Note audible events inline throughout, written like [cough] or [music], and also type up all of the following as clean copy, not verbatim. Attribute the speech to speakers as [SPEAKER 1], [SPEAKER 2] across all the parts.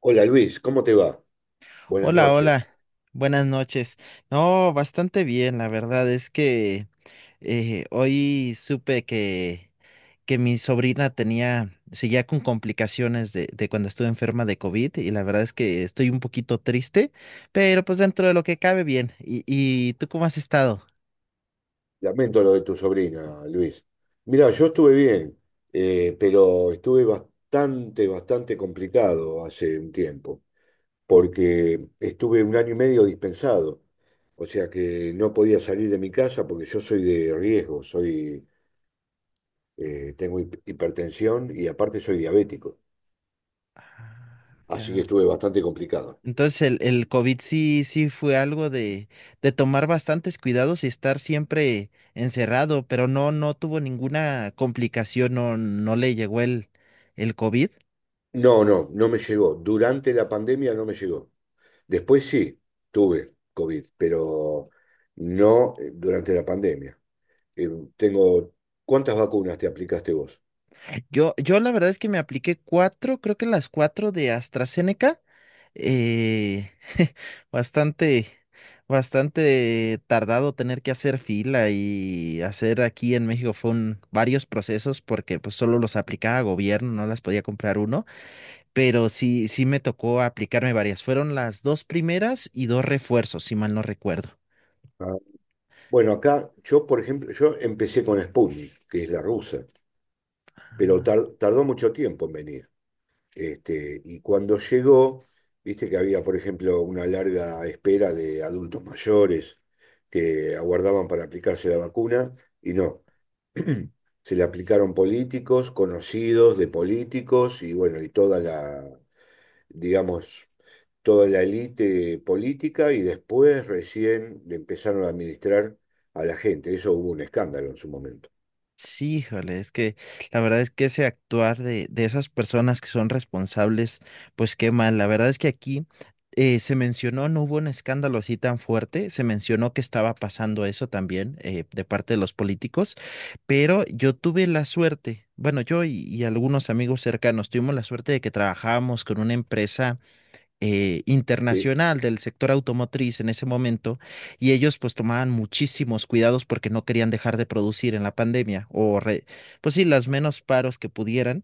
[SPEAKER 1] Hola Luis, ¿cómo te va? Buenas
[SPEAKER 2] Hola, hola,
[SPEAKER 1] noches.
[SPEAKER 2] buenas noches. No, bastante bien, la verdad es que hoy supe que mi sobrina tenía, seguía con complicaciones de cuando estuvo enferma de COVID, y la verdad es que estoy un poquito triste, pero pues dentro de lo que cabe bien. Y tú cómo has estado?
[SPEAKER 1] Lamento lo de tu sobrina, Luis. Mira, yo estuve bien, pero estuve bastante complicado hace un tiempo, porque estuve un año y medio dispensado, o sea que no podía salir de mi casa porque yo soy de riesgo, soy, tengo hipertensión y aparte soy diabético,
[SPEAKER 2] Ah,
[SPEAKER 1] así que
[SPEAKER 2] ok.
[SPEAKER 1] estuve bastante complicado.
[SPEAKER 2] Entonces el COVID sí, sí fue algo de tomar bastantes cuidados y estar siempre encerrado, pero no, no tuvo ninguna complicación, no, no le llegó el COVID.
[SPEAKER 1] No, no, no me llegó. Durante la pandemia no me llegó. Después sí, tuve COVID, pero no durante la pandemia. Eh, tengo, ¿cuántas vacunas te aplicaste vos?
[SPEAKER 2] Yo la verdad es que me apliqué cuatro, creo que las cuatro de AstraZeneca, eh, [laughs] bastante, bastante tardado tener que hacer fila y hacer aquí en México fue varios procesos, porque pues solo los aplicaba gobierno, no las podía comprar uno. Pero sí, sí me tocó aplicarme varias. Fueron las dos primeras y dos refuerzos, si mal no recuerdo.
[SPEAKER 1] Ah, bueno, acá yo, por ejemplo, yo empecé con Sputnik, que es la rusa, pero
[SPEAKER 2] Ah,
[SPEAKER 1] tardó mucho tiempo en venir. Este, y cuando llegó, viste que había, por ejemplo, una larga espera de adultos mayores que aguardaban para aplicarse la vacuna, y no. Se le aplicaron políticos, conocidos de políticos y bueno, y toda la, digamos, toda la élite política y después recién le empezaron a administrar a la gente. Eso hubo un escándalo en su momento.
[SPEAKER 2] sí, híjole, es que la verdad es que ese actuar de esas personas que son responsables, pues qué mal. La verdad es que aquí se mencionó, no hubo un escándalo así tan fuerte, se mencionó que estaba pasando eso también de parte de los políticos, pero yo tuve la suerte, bueno, yo y algunos amigos cercanos tuvimos la suerte de que trabajábamos con una empresa
[SPEAKER 1] Sí,
[SPEAKER 2] internacional del sector automotriz en ese momento, y ellos pues tomaban muchísimos cuidados porque no querían dejar de producir en la pandemia, o pues sí, las menos paros que pudieran.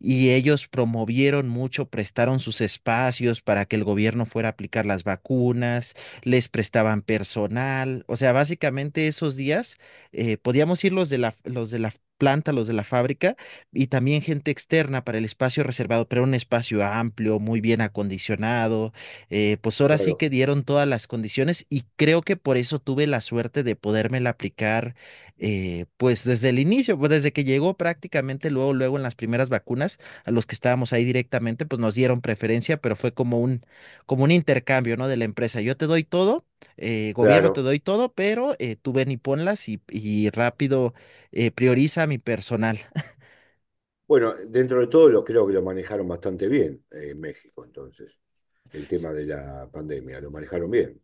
[SPEAKER 2] Y ellos promovieron mucho, prestaron sus espacios para que el gobierno fuera a aplicar las vacunas, les prestaban personal, o sea, básicamente esos días podíamos ir los de la planta, los de la fábrica y también gente externa para el espacio reservado, pero un espacio amplio, muy bien acondicionado. Pues ahora sí
[SPEAKER 1] claro,
[SPEAKER 2] que dieron todas las condiciones y creo que por eso tuve la suerte de podérmela aplicar pues desde el inicio, pues desde que llegó prácticamente luego, luego, en las primeras vacunas, a los que estábamos ahí directamente, pues nos dieron preferencia, pero fue como un intercambio, ¿no? De la empresa. Yo te doy todo, gobierno, te
[SPEAKER 1] claro.
[SPEAKER 2] doy todo, pero tú ven y ponlas y rápido, prioriza a mi personal.
[SPEAKER 1] Bueno, dentro de todo lo creo que lo manejaron bastante bien en México, entonces, el tema de la pandemia, lo manejaron bien.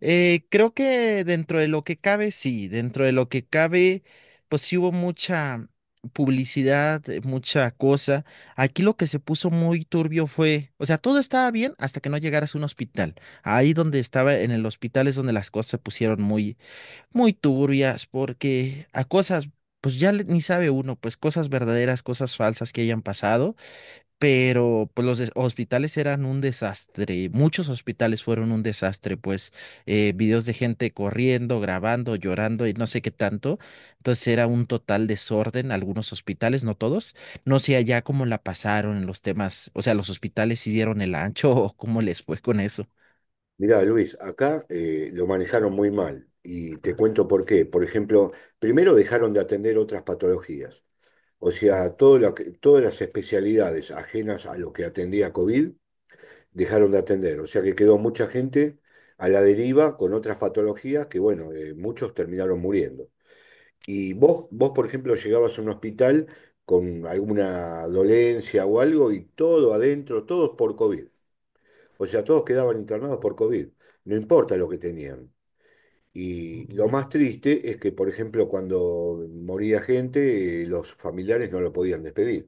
[SPEAKER 2] Creo que dentro de lo que cabe, sí, dentro de lo que cabe, pues sí hubo mucha publicidad, mucha cosa. Aquí lo que se puso muy turbio fue, o sea, todo estaba bien hasta que no llegaras a un hospital. Ahí donde estaba en el hospital es donde las cosas se pusieron muy, muy turbias, porque a cosas pues ya ni sabe uno, pues cosas verdaderas, cosas falsas que hayan pasado, pero pues los hospitales eran un desastre, muchos hospitales fueron un desastre. Pues videos de gente corriendo, grabando, llorando y no sé qué tanto, entonces era un total desorden, algunos hospitales, no todos. No sé allá cómo la pasaron en los temas, o sea, los hospitales, si dieron el ancho [laughs] o cómo les fue con eso.
[SPEAKER 1] Mirá, Luis, acá lo manejaron muy mal y te
[SPEAKER 2] Ah,
[SPEAKER 1] cuento por qué. Por ejemplo, primero dejaron de atender otras patologías, o
[SPEAKER 2] mm,
[SPEAKER 1] sea, todas las especialidades ajenas a lo que atendía COVID dejaron de atender, o sea que quedó mucha gente a la deriva con otras patologías que, bueno, muchos terminaron muriendo. Y vos, por ejemplo, llegabas a un hospital con alguna dolencia o algo y todo adentro, todos por COVID. O sea, todos quedaban internados por COVID, no importa lo que tenían. Y lo
[SPEAKER 2] mm,
[SPEAKER 1] más triste es que, por ejemplo, cuando moría gente, los familiares no lo podían despedir.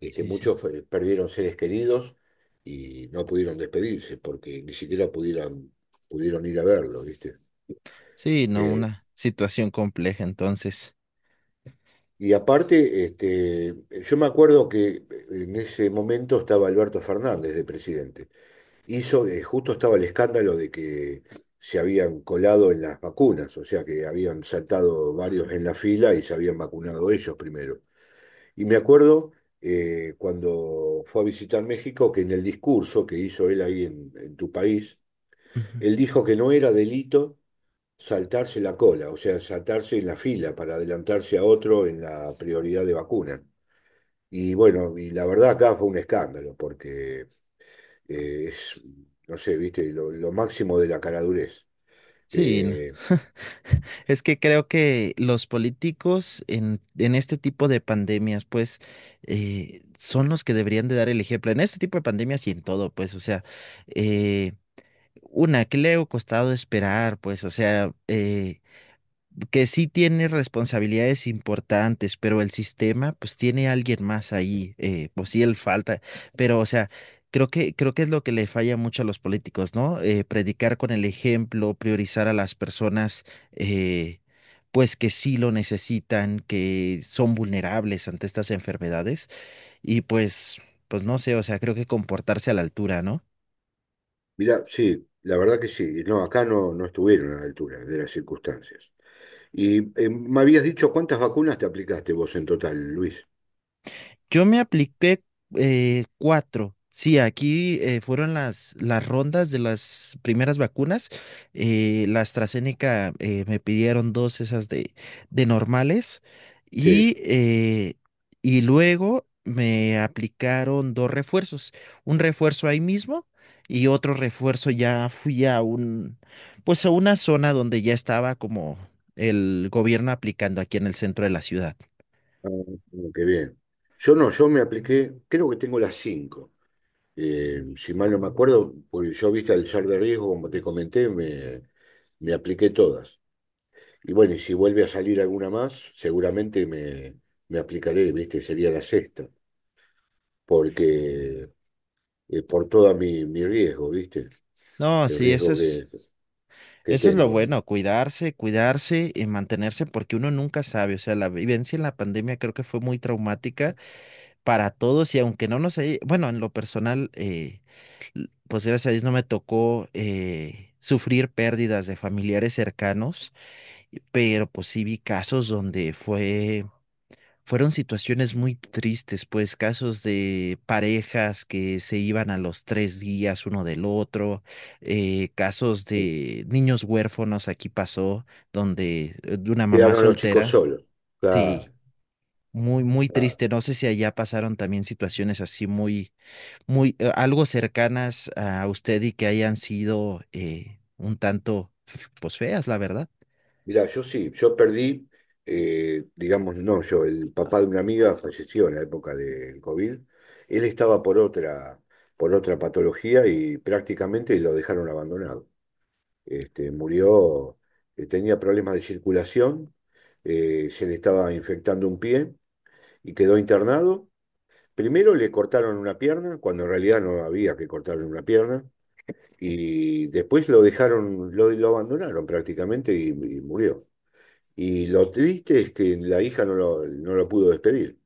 [SPEAKER 1] Este,
[SPEAKER 2] sí, sí.
[SPEAKER 1] muchos perdieron seres queridos y no pudieron despedirse porque ni siquiera pudieron ir a verlo, ¿viste?
[SPEAKER 2] Sí, no,
[SPEAKER 1] Eh,
[SPEAKER 2] una situación compleja entonces.
[SPEAKER 1] y aparte, este, yo me acuerdo que en ese momento estaba Alberto Fernández de presidente. Hizo, justo estaba el escándalo de que se habían colado en las vacunas, o sea que habían saltado varios en la fila y se habían vacunado ellos primero. Y me acuerdo cuando fue a visitar México que en el discurso que hizo él ahí en tu país,
[SPEAKER 2] Ujú.
[SPEAKER 1] él dijo que no era delito saltarse la cola, o sea, saltarse en la fila para adelantarse a otro en la prioridad de vacuna. Y bueno, y la verdad acá fue un escándalo, porque es, no sé, viste, lo máximo de la caradurez.
[SPEAKER 2] Sí, no.
[SPEAKER 1] Eh,
[SPEAKER 2] [laughs] Es que creo que los políticos en este tipo de pandemias, pues, son los que deberían de dar el ejemplo. En este tipo de pandemias y en todo, pues, o sea, eh, ¿una que le ha costado esperar? Pues, o sea, que sí tiene responsabilidades importantes, pero el sistema pues tiene alguien más ahí, pues sí él falta, pero, o sea, creo que es lo que le falla mucho a los políticos, ¿no? Predicar con el ejemplo, priorizar a las personas, eh, pues que sí lo necesitan, que son vulnerables ante estas enfermedades, y pues, pues no sé, o sea, creo que comportarse a la altura, ¿no?
[SPEAKER 1] mirá, sí, la verdad que sí. No, acá no, no estuvieron a la altura de las circunstancias. Y me habías dicho cuántas vacunas te aplicaste vos en total, Luis.
[SPEAKER 2] Yo me apliqué cuatro. Sí, aquí fueron las rondas de las primeras vacunas. La AstraZeneca, me pidieron dos, esas de normales,
[SPEAKER 1] Sí,
[SPEAKER 2] y, eh, y luego me aplicaron dos refuerzos. Un refuerzo ahí mismo y otro refuerzo ya fui a pues a una zona donde ya estaba como el gobierno aplicando aquí en el centro de la ciudad.
[SPEAKER 1] ah, qué bien. Yo no, yo me apliqué, creo que tengo las 5. Si mal no me acuerdo, porque yo viste al char de riesgo, como te comenté, me apliqué todas. Y bueno, y si vuelve a salir alguna más, seguramente me, me aplicaré, ¿viste? Sería la sexta, porque por todo mi, mi riesgo, ¿viste?
[SPEAKER 2] No,
[SPEAKER 1] El
[SPEAKER 2] sí, eso
[SPEAKER 1] riesgo
[SPEAKER 2] es.
[SPEAKER 1] que
[SPEAKER 2] Eso es lo
[SPEAKER 1] tengo.
[SPEAKER 2] bueno, cuidarse, cuidarse y mantenerse, porque uno nunca sabe, o sea, la vivencia en la pandemia creo que fue muy traumática para todos, y aunque no nos haya, bueno, en lo personal, pues gracias a Dios no me tocó sufrir pérdidas de familiares cercanos, pero pues sí vi casos donde fueron situaciones muy tristes, pues casos de parejas que se iban a los 3 días uno del otro, casos de niños huérfanos, aquí pasó, donde de una mamá
[SPEAKER 1] Quedaron los chicos
[SPEAKER 2] soltera,
[SPEAKER 1] solos. Claro,
[SPEAKER 2] sí, muy, muy
[SPEAKER 1] claro.
[SPEAKER 2] triste. No sé si allá pasaron también situaciones así muy, muy, algo cercanas a usted, y que hayan sido un tanto, pues, feas, la verdad.
[SPEAKER 1] Mirá, yo sí, yo perdí, digamos, no, yo, el papá de una amiga falleció en la época del COVID. Él estaba por otra patología y prácticamente lo dejaron abandonado. Este, murió, tenía problemas de circulación, se le estaba infectando un pie y quedó internado. Primero le cortaron una pierna, cuando en realidad no había que cortarle una pierna, y después lo dejaron, lo abandonaron prácticamente y murió. Y lo triste es que la hija no lo, no lo pudo despedir,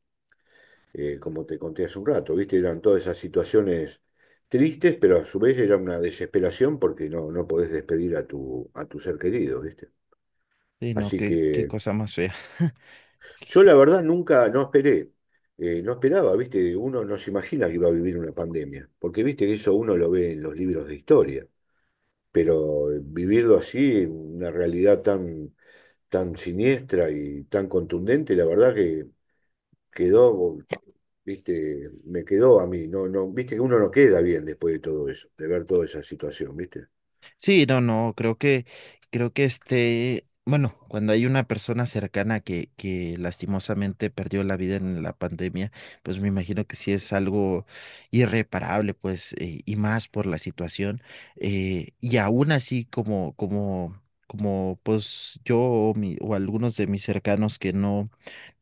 [SPEAKER 1] como te conté hace un rato, ¿viste? Eran todas esas situaciones tristes, pero a su vez era una desesperación porque no, no podés despedir a tu ser querido, ¿viste?
[SPEAKER 2] Sí, no,
[SPEAKER 1] Así
[SPEAKER 2] qué
[SPEAKER 1] que
[SPEAKER 2] cosa más fea.
[SPEAKER 1] yo la verdad nunca, no esperé, no esperaba, viste, uno no se imagina que iba a vivir una pandemia, porque viste que eso uno lo ve en los libros de historia, pero vivirlo así, una realidad tan, tan siniestra y tan contundente, la verdad que quedó, viste, me quedó a mí, no, no, viste que uno no queda bien después de todo eso, de ver toda esa situación, viste.
[SPEAKER 2] Sí, no, no, creo que este, bueno, cuando hay una persona cercana que lastimosamente perdió la vida en la pandemia, pues me imagino que sí es algo irreparable, pues, y más por la situación. Y aún así, como, pues yo o algunos de mis cercanos que no,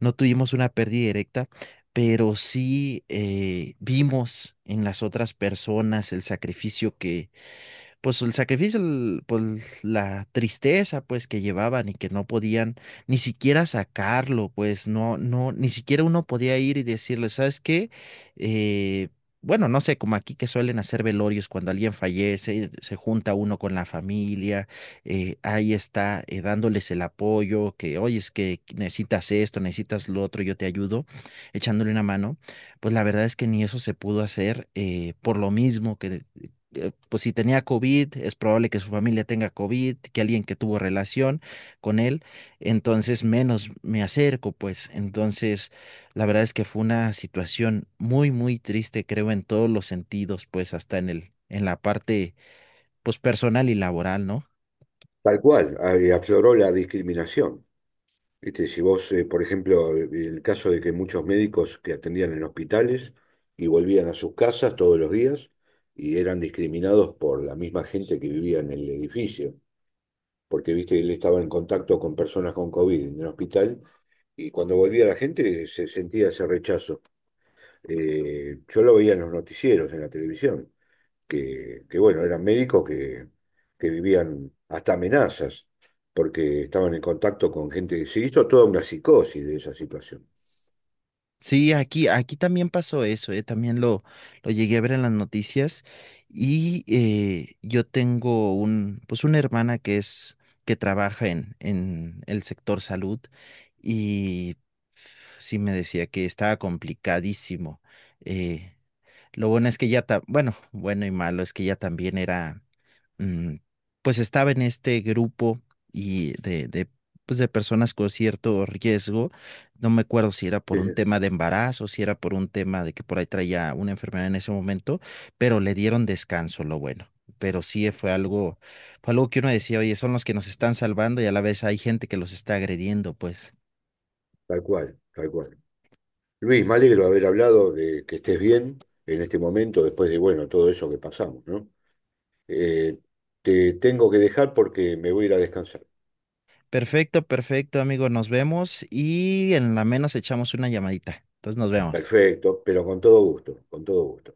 [SPEAKER 2] no tuvimos una pérdida directa, pero sí vimos en las otras personas el sacrificio, pues la tristeza pues que llevaban y que no podían ni siquiera sacarlo, pues no, no, ni siquiera uno podía ir y decirle: ¿sabes qué? Eh, bueno, no sé, como aquí que suelen hacer velorios cuando alguien fallece, se junta uno con la familia, ahí está, dándoles el apoyo, que oye, es que necesitas esto, necesitas lo otro, yo te ayudo, echándole una mano. Pues la verdad es que ni eso se pudo hacer, por lo mismo que, pues si tenía COVID, es probable que su familia tenga COVID, que alguien que tuvo relación con él, entonces menos me acerco, pues. Entonces, la verdad es que fue una situación muy, muy triste, creo, en todos los sentidos, pues hasta en el, en la parte, pues, personal y laboral, ¿no?
[SPEAKER 1] Tal cual, ah, y afloró la discriminación. Este, si vos, por ejemplo, el caso de que muchos médicos que atendían en hospitales y volvían a sus casas todos los días y eran discriminados por la misma gente que vivía en el edificio, porque viste, él estaba en contacto con personas con COVID en el hospital y cuando volvía la gente se sentía ese rechazo. Yo lo veía en los noticieros, en la televisión que, bueno, eran médicos que vivían hasta amenazas, porque estaban en contacto con gente. Se hizo toda una psicosis de esa situación.
[SPEAKER 2] Sí, aquí también pasó eso, también lo llegué a ver en las noticias. Y yo tengo pues una hermana que trabaja en el sector salud, y sí me decía que estaba complicadísimo. eh, lo bueno es que ya, bueno, bueno y malo es que ya también era mm, pues estaba en este grupo y pues de personas con cierto riesgo. No me acuerdo si era por un
[SPEAKER 1] Es-
[SPEAKER 2] tema de embarazo, si era por un tema de que por ahí traía una enfermedad en ese momento, pero le dieron descanso, lo bueno. Pero sí fue algo que uno decía: oye, son los que nos están salvando y a la vez hay gente que los está agrediendo, pues.
[SPEAKER 1] tal cual, tal cual. Luis, me alegro de haber hablado de que estés bien en este momento, después de, bueno, todo eso que pasamos, ¿no? Eh, te tengo que dejar porque me voy a ir a descansar.
[SPEAKER 2] Perfecto, perfecto, amigo, nos vemos y en la menos echamos una llamadita. Entonces nos vemos.
[SPEAKER 1] Perfecto, pero con todo gusto, con todo gusto.